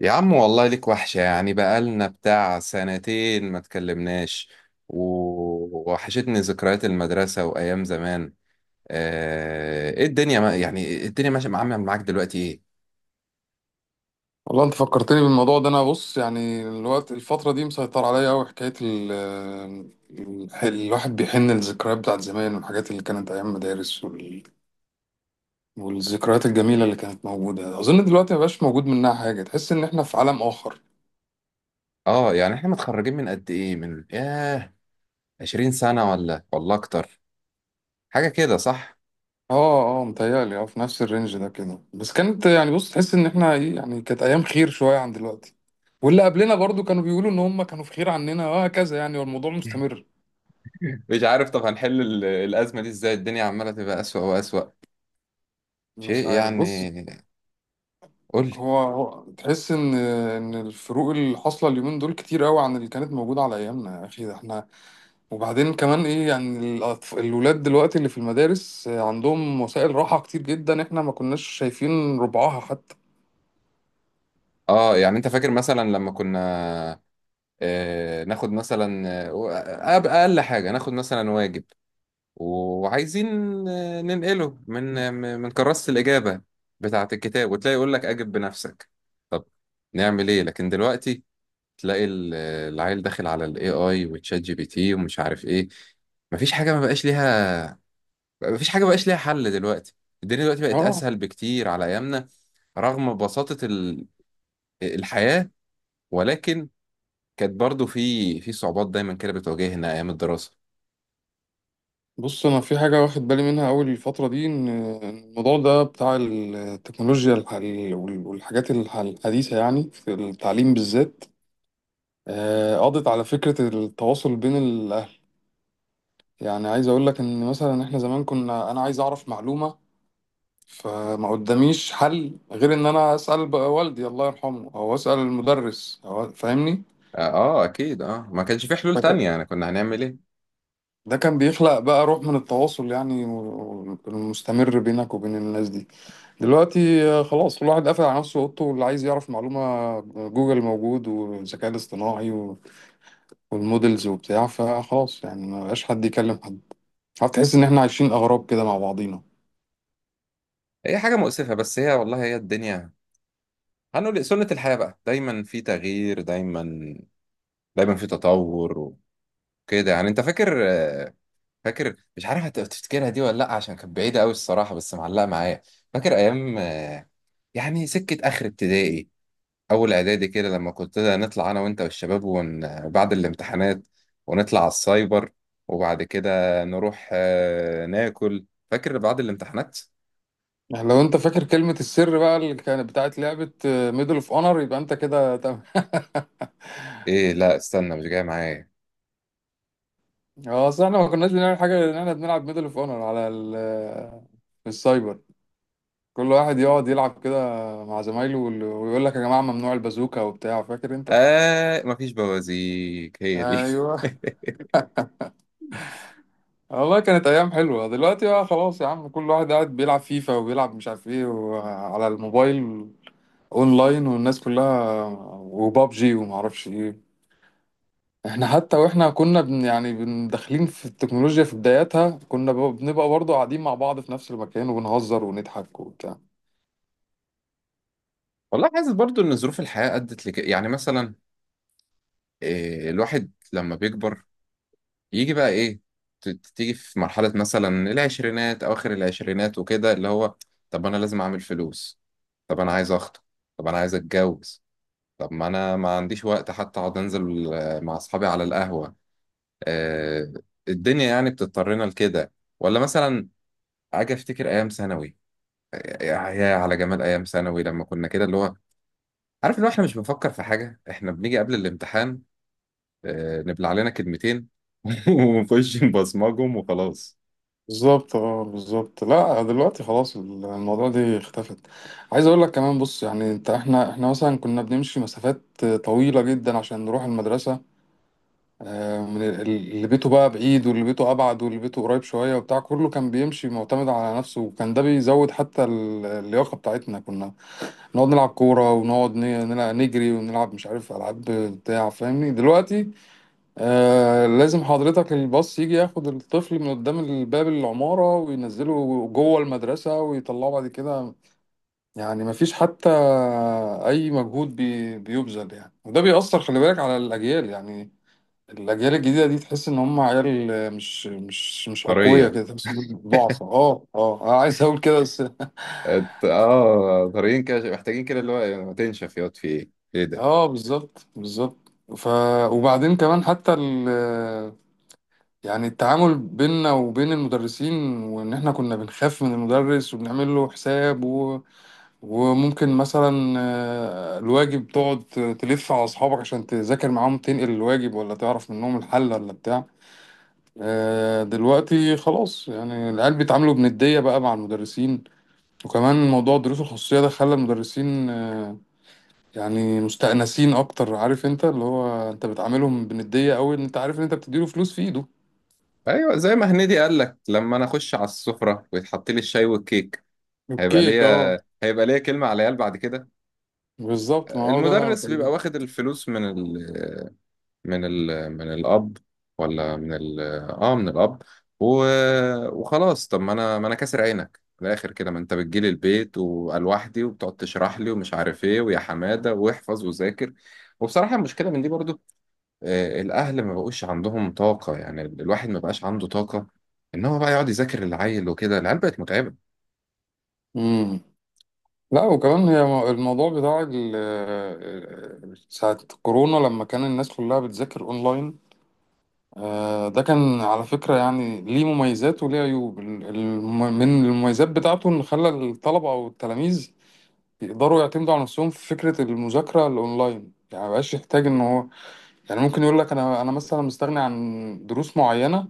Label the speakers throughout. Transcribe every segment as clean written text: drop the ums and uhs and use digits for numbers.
Speaker 1: يا عم والله ليك وحشة، يعني بقالنا بتاع سنتين ما تكلمناش. و- ووحشتني ذكريات المدرسة وأيام زمان. إيه الدنيا، ما يعني الدنيا ماشية عاملة معاك دلوقتي إيه؟
Speaker 2: والله انت فكرتني بالموضوع ده. انا بص، يعني الوقت، الفترة دي مسيطر عليا قوي حكاية الواحد بيحن للذكريات بتاعت زمان والحاجات اللي كانت ايام مدارس والذكريات الجميلة اللي كانت موجودة. اظن دلوقتي مبقاش موجود منها حاجة، تحس ان احنا في عالم اخر.
Speaker 1: آه يعني إحنا متخرجين من قد إيه؟ من ياه، 20 سنة ولا أكتر، حاجة كده صح؟
Speaker 2: اه متهيألي اه في نفس الرينج ده كده، بس كانت، يعني بص، تحس ان احنا ايه، يعني كانت ايام خير شوية عن دلوقتي. واللي قبلنا برضو كانوا بيقولوا ان هم كانوا في خير عننا، وهكذا يعني، والموضوع مستمر.
Speaker 1: مش عارف، طب هنحل الأزمة دي إزاي؟ الدنيا عمالة تبقى أسوأ وأسوأ
Speaker 2: مش
Speaker 1: شيء
Speaker 2: عارف، بص.
Speaker 1: يعني. قول لي.
Speaker 2: هو تحس ان الفروق اللي حاصله اليومين دول كتير قوي عن اللي كانت موجوده على ايامنا، يا اخي ده احنا. وبعدين كمان ايه، يعني الولاد دلوقتي اللي في المدارس عندهم وسائل راحه كتير جدا، احنا ما كناش شايفين ربعها حتى.
Speaker 1: آه يعني أنت فاكر مثلا لما كنا، ناخد مثلا، اقل حاجه ناخد مثلا واجب وعايزين، ننقله من من كراسه الاجابه بتاعه الكتاب، وتلاقي يقول لك اجب بنفسك. طب نعمل ايه؟ لكن دلوقتي تلاقي العيل داخل على الاي اي وتشات جي بي تي ومش عارف ايه. مفيش حاجه ما بقاش ليها، مفيش حاجه ما بقاش ليها حل دلوقتي. الدنيا دلوقتي بقت
Speaker 2: اه
Speaker 1: اسهل بكتير على ايامنا، رغم بساطه الحياه، ولكن كانت برضو في صعوبات دايما كده بتواجهنا ايام الدراسه.
Speaker 2: بص، انا في حاجه واخد بالي منها اول الفتره دي، ان إن الموضوع ده بتاع التكنولوجيا والحاجات الحديثه يعني في التعليم بالذات، قضت على فكره التواصل بين. يعني عايز اقول لك ان مثلا احنا زمان كنا، انا عايز اعرف معلومة، فما قداميش حل غير ان انا اسال بقى والدي الله يرحمه، او اسال المدرس، أو فاهمني.
Speaker 1: اه اكيد، اه ما كانش في حلول تانية
Speaker 2: فك-
Speaker 1: يعني، كنا هنعمل ايه؟
Speaker 2: ده كان بيخلق بقى روح من التواصل، يعني المستمر بينك وبين الناس دي. دلوقتي خلاص كل واحد قافل على نفسه اوضته، واللي عايز يعرف معلومة، جوجل موجود والذكاء الاصطناعي والمودلز وبتاع، فخلاص يعني ما بقاش حد يكلم حد. هتحس ان احنا عايشين اغراب كده مع بعضينا.
Speaker 1: هي حاجه مؤسفه، بس هي والله هي الدنيا، هنقول إيه، سنه الحياه بقى، دايما في تغيير، دايما دايما في تطور وكده يعني. انت فاكر فاكر، مش عارف تفتكرها دي ولا لا، عشان كانت بعيده قوي الصراحه بس معلقه معايا. فاكر ايام يعني سكه اخر ابتدائي، اول اعدادي كده، لما كنت نطلع انا وانت والشباب بعد الامتحانات، ونطلع على السايبر وبعد كده نروح ناكل. فاكر بعد الامتحانات؟
Speaker 2: يعني لو انت فاكر كلمة السر بقى اللي كانت بتاعت لعبة ميدل اوف اونر، يبقى انت كده تمام.
Speaker 1: ايه، لا استنى مش جاي معايا.
Speaker 2: اه، اصل احنا ما كناش بنعمل حاجة غير ان احنا بنلعب ميدل اوف اونر على ال في السايبر. كل واحد يقعد يلعب كده مع زمايله ويقول لك يا جماعة ممنوع البازوكا وبتاع، فاكر انت؟
Speaker 1: آه مفيش بوازيك، هي دي.
Speaker 2: ايوه. والله كانت ايام حلوة. دلوقتي بقى خلاص يا عم كل واحد قاعد بيلعب فيفا وبيلعب مش عارف ايه على الموبايل، اونلاين، والناس كلها، وبابجي ومعرفش ايه. احنا حتى واحنا كنا بن يعني بن داخلين في التكنولوجيا في بداياتها كنا بنبقى برضه قاعدين مع بعض في نفس المكان وبنهزر ونضحك وبتاع.
Speaker 1: والله حاسس برضو ان ظروف الحياة ادت لك يعني. مثلا الواحد لما بيكبر يجي بقى ايه، تيجي في مرحلة مثلا العشرينات، أواخر العشرينات وكده، اللي هو طب أنا لازم أعمل فلوس، طب أنا عايز أخطب، طب أنا عايز أتجوز، طب ما أنا ما عنديش وقت حتى أقعد أنزل مع أصحابي على القهوة. آه، الدنيا يعني بتضطرنا لكده. ولا مثلا أجي أفتكر أيام ثانوي، يا يا على جمال أيام ثانوي، لما كنا كده اللي هو، عارف اللي هو إحنا مش بنفكر في حاجة، إحنا بنيجي قبل الامتحان نبلع لنا كلمتين ونخش نبصمجهم وخلاص.
Speaker 2: بالظبط اه بالظبط، لا دلوقتي خلاص الموضوع دي اختفت. عايز اقول لك كمان بص، يعني انت، احنا مثلا كنا بنمشي مسافات طويلة جدا عشان نروح المدرسة، من اللي بيته بقى بعيد، واللي بيته ابعد، واللي بيته قريب شوية وبتاع، كله كان بيمشي معتمد على نفسه، وكان ده بيزود حتى اللياقة بتاعتنا. كنا نقعد نلعب كورة، ونقعد نلعب نجري ونلعب مش عارف ألعاب بتاع فاهمني؟ دلوقتي آه لازم حضرتك الباص يجي ياخد الطفل من قدام الباب العمارة وينزله جوه المدرسة ويطلعه بعد كده. يعني مفيش حتى أي مجهود بيبذل يعني. وده بيأثر، خلي بالك، على الأجيال. يعني الأجيال الجديدة دي تحس إن هم عيال مش أقوياء
Speaker 1: طرية،
Speaker 2: كده، بس ضعفة. اه اه أنا عايز أقول كده بس.
Speaker 1: اه طريقين كده، محتاجين كده اللي هو إيه، ما تنشف ياض في ايه، ايه ده.
Speaker 2: اه بالظبط بالظبط. ف وبعدين كمان حتى ال، يعني التعامل بيننا وبين المدرسين، وان احنا كنا بنخاف من المدرس وبنعمل له حساب و... وممكن مثلا الواجب تقعد تلف على اصحابك عشان تذاكر معاهم، تنقل الواجب، ولا تعرف منهم الحل ولا بتاع. دلوقتي خلاص يعني العيال بيتعاملوا بندية بقى مع المدرسين. وكمان موضوع الدروس الخصوصية ده خلى المدرسين يعني مستأنسين اكتر. عارف انت، اللي هو انت بتعاملهم بندية قوي، ان انت عارف ان انت بتديله فلوس في ايده.
Speaker 1: ايوه زي ما هنيدي قال لك، لما انا اخش على السفره ويتحط لي الشاي والكيك، هيبقى
Speaker 2: الكيك اه.
Speaker 1: ليا هيبقى ليا كلمه على العيال بعد كده.
Speaker 2: بالظبط، ما هو ده اللي انا
Speaker 1: المدرس بيبقى
Speaker 2: بكلمه.
Speaker 1: واخد الفلوس من الاب، ولا اه من الاب، و... وخلاص. طب ما انا، ما انا كاسر عينك في الاخر كده، ما انت بتجيلي البيت وأنا لوحدي، وبتقعد تشرح لي ومش عارف ايه، ويا حماده واحفظ وذاكر. وبصراحه المشكله من دي برضو، الاهل ما بقوش عندهم طاقه، يعني الواحد ما بقاش عنده طاقه ان هو بقى يقعد يذاكر العيل، وكده العيال بقت متعبه.
Speaker 2: امم. لا وكمان هي الموضوع بتاع ساعة كورونا لما كان الناس كلها بتذاكر اونلاين، ده كان على فكرة يعني ليه مميزات وليه عيوب. من المميزات بتاعته ان خلى الطلبة او التلاميذ يقدروا يعتمدوا على نفسهم في فكرة المذاكرة الاونلاين، يعني مبقاش يحتاج ان هو، يعني ممكن يقول لك انا، مثلا مستغني عن دروس معينه،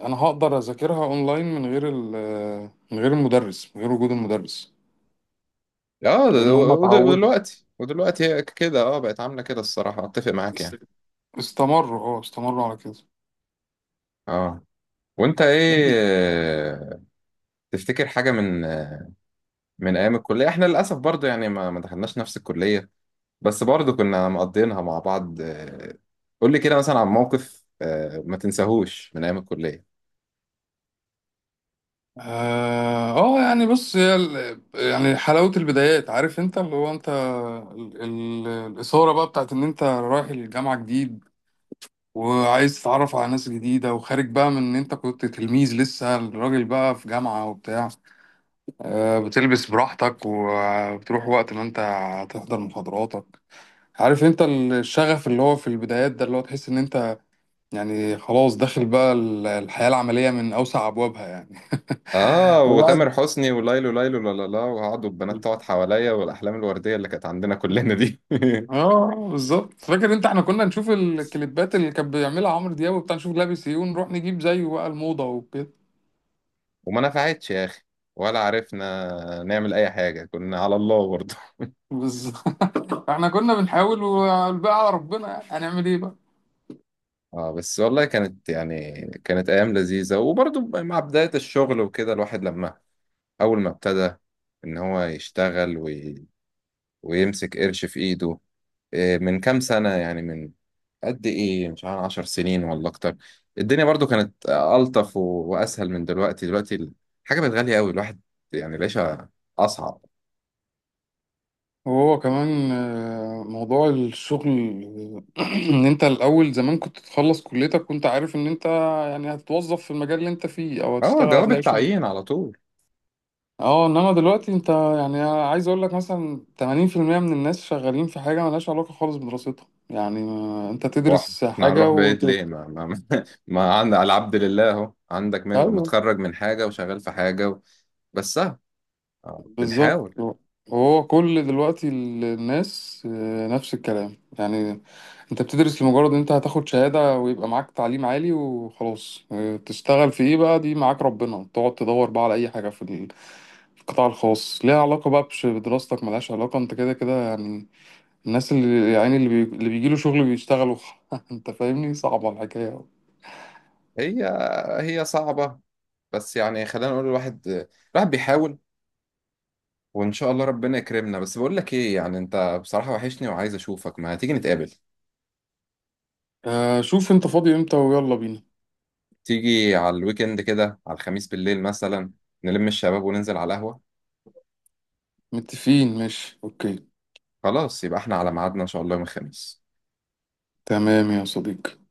Speaker 2: انا هقدر اذاكرها اونلاين من غير من غير المدرس، من غير وجود المدرس،
Speaker 1: اه
Speaker 2: لان هم اتعودوا.
Speaker 1: ودلوقتي، ودلوقتي هي كده، اه بقت عامله كده الصراحه، اتفق معاك
Speaker 2: است-
Speaker 1: يعني.
Speaker 2: استمروا اه استمروا على كده.
Speaker 1: اه، وانت ايه آه، تفتكر حاجه من من ايام الكليه؟ احنا للاسف برضو يعني ما دخلناش نفس الكليه، بس برضو كنا مقضينها مع بعض. قول لي كده مثلا عن موقف ما تنساهوش من ايام الكليه.
Speaker 2: اه. يعني بص هي ال، يعني حلاوه البدايات. عارف انت اللي هو انت، الاثاره بقى بتاعت ان انت رايح الجامعه جديد، وعايز تتعرف على ناس جديده، وخارج بقى من ان انت كنت تلميذ لسه، الراجل بقى في جامعه وبتاع. بتلبس براحتك وبتروح وقت ما انت هتحضر محاضراتك. عارف انت الشغف اللي هو في البدايات ده، اللي هو تحس ان انت يعني خلاص داخل بقى الحياة العملية من اوسع ابوابها يعني.
Speaker 1: اه
Speaker 2: وبعد
Speaker 1: وتامر حسني وليلو ليلو، لا لا لا، وقعدوا البنات تقعد حواليا، والاحلام الورديه اللي كانت عندنا كلنا دي.
Speaker 2: اه بالظبط. فاكر انت احنا كنا نشوف الكليبات اللي كان بيعملها عمرو دياب وبتاع، نشوف لابس ايه ونروح نجيب زيه بقى الموضة وكده.
Speaker 1: وما نفعتش يا اخي، ولا عرفنا نعمل اي حاجه، كنا على الله برضه.
Speaker 2: بالظبط احنا كنا بنحاول والباقي على ربنا، يعني هنعمل ايه بقى.
Speaker 1: اه بس والله كانت يعني كانت ايام لذيذه. وبرضه مع بدايه الشغل وكده، الواحد لما اول ما ابتدى ان هو يشتغل ويمسك قرش في ايده، إيه، من كام سنه يعني، من قد ايه، مش عارف، 10 سنين ولا اكتر، الدنيا برضو كانت الطف و... واسهل من دلوقتي. دلوقتي الحاجه بقت غاليه قوي، الواحد يعني العيشه اصعب.
Speaker 2: وهو كمان موضوع الشغل ان انت الاول زمان كنت تخلص كليتك كنت عارف ان انت يعني هتتوظف في المجال اللي انت فيه، او
Speaker 1: اه،
Speaker 2: هتشتغل
Speaker 1: جواب
Speaker 2: هتلاقي شغل.
Speaker 1: التعيين على طول.
Speaker 2: اه انما دلوقتي انت، يعني عايز اقول لك مثلا 80% من الناس شغالين في حاجة ملهاش علاقة خالص بدراستها، يعني انت
Speaker 1: هو
Speaker 2: تدرس
Speaker 1: احنا
Speaker 2: حاجة
Speaker 1: هنروح
Speaker 2: و.
Speaker 1: بعيد ليه؟ ما ما ما, ما عند على العبد لله اهو، عندك منه متخرج من حاجه وشغال في حاجه و... بس اه
Speaker 2: بالظبط.
Speaker 1: بنحاول.
Speaker 2: هو كل دلوقتي الناس نفس الكلام يعني. انت بتدرس لمجرد ان انت هتاخد شهادة ويبقى معاك تعليم عالي وخلاص. تشتغل في ايه بقى؟ دي معاك ربنا، تقعد تدور بقى على اي حاجة في في القطاع الخاص ليها علاقة بقى بدراستك ملهاش علاقة انت كده كده يعني. الناس اللي يعني اللي, بي... اللي بيجيله شغل بيشتغلوا. انت فاهمني، صعبة الحكاية.
Speaker 1: هي هي صعبه، بس يعني خلينا نقول، الواحد، الواحد بيحاول، وان شاء الله ربنا يكرمنا. بس بقول لك ايه يعني، انت بصراحه وحشني وعايز اشوفك، ما هتيجي نتقابل؟
Speaker 2: آه شوف انت فاضي امتى ويلا بينا.
Speaker 1: تيجي على الويكند كده، على الخميس بالليل مثلا، نلم الشباب وننزل على القهوة.
Speaker 2: متفقين، ماشي، اوكي.
Speaker 1: خلاص، يبقى احنا على ميعادنا ان شاء الله يوم الخميس.
Speaker 2: تمام يا صديقي.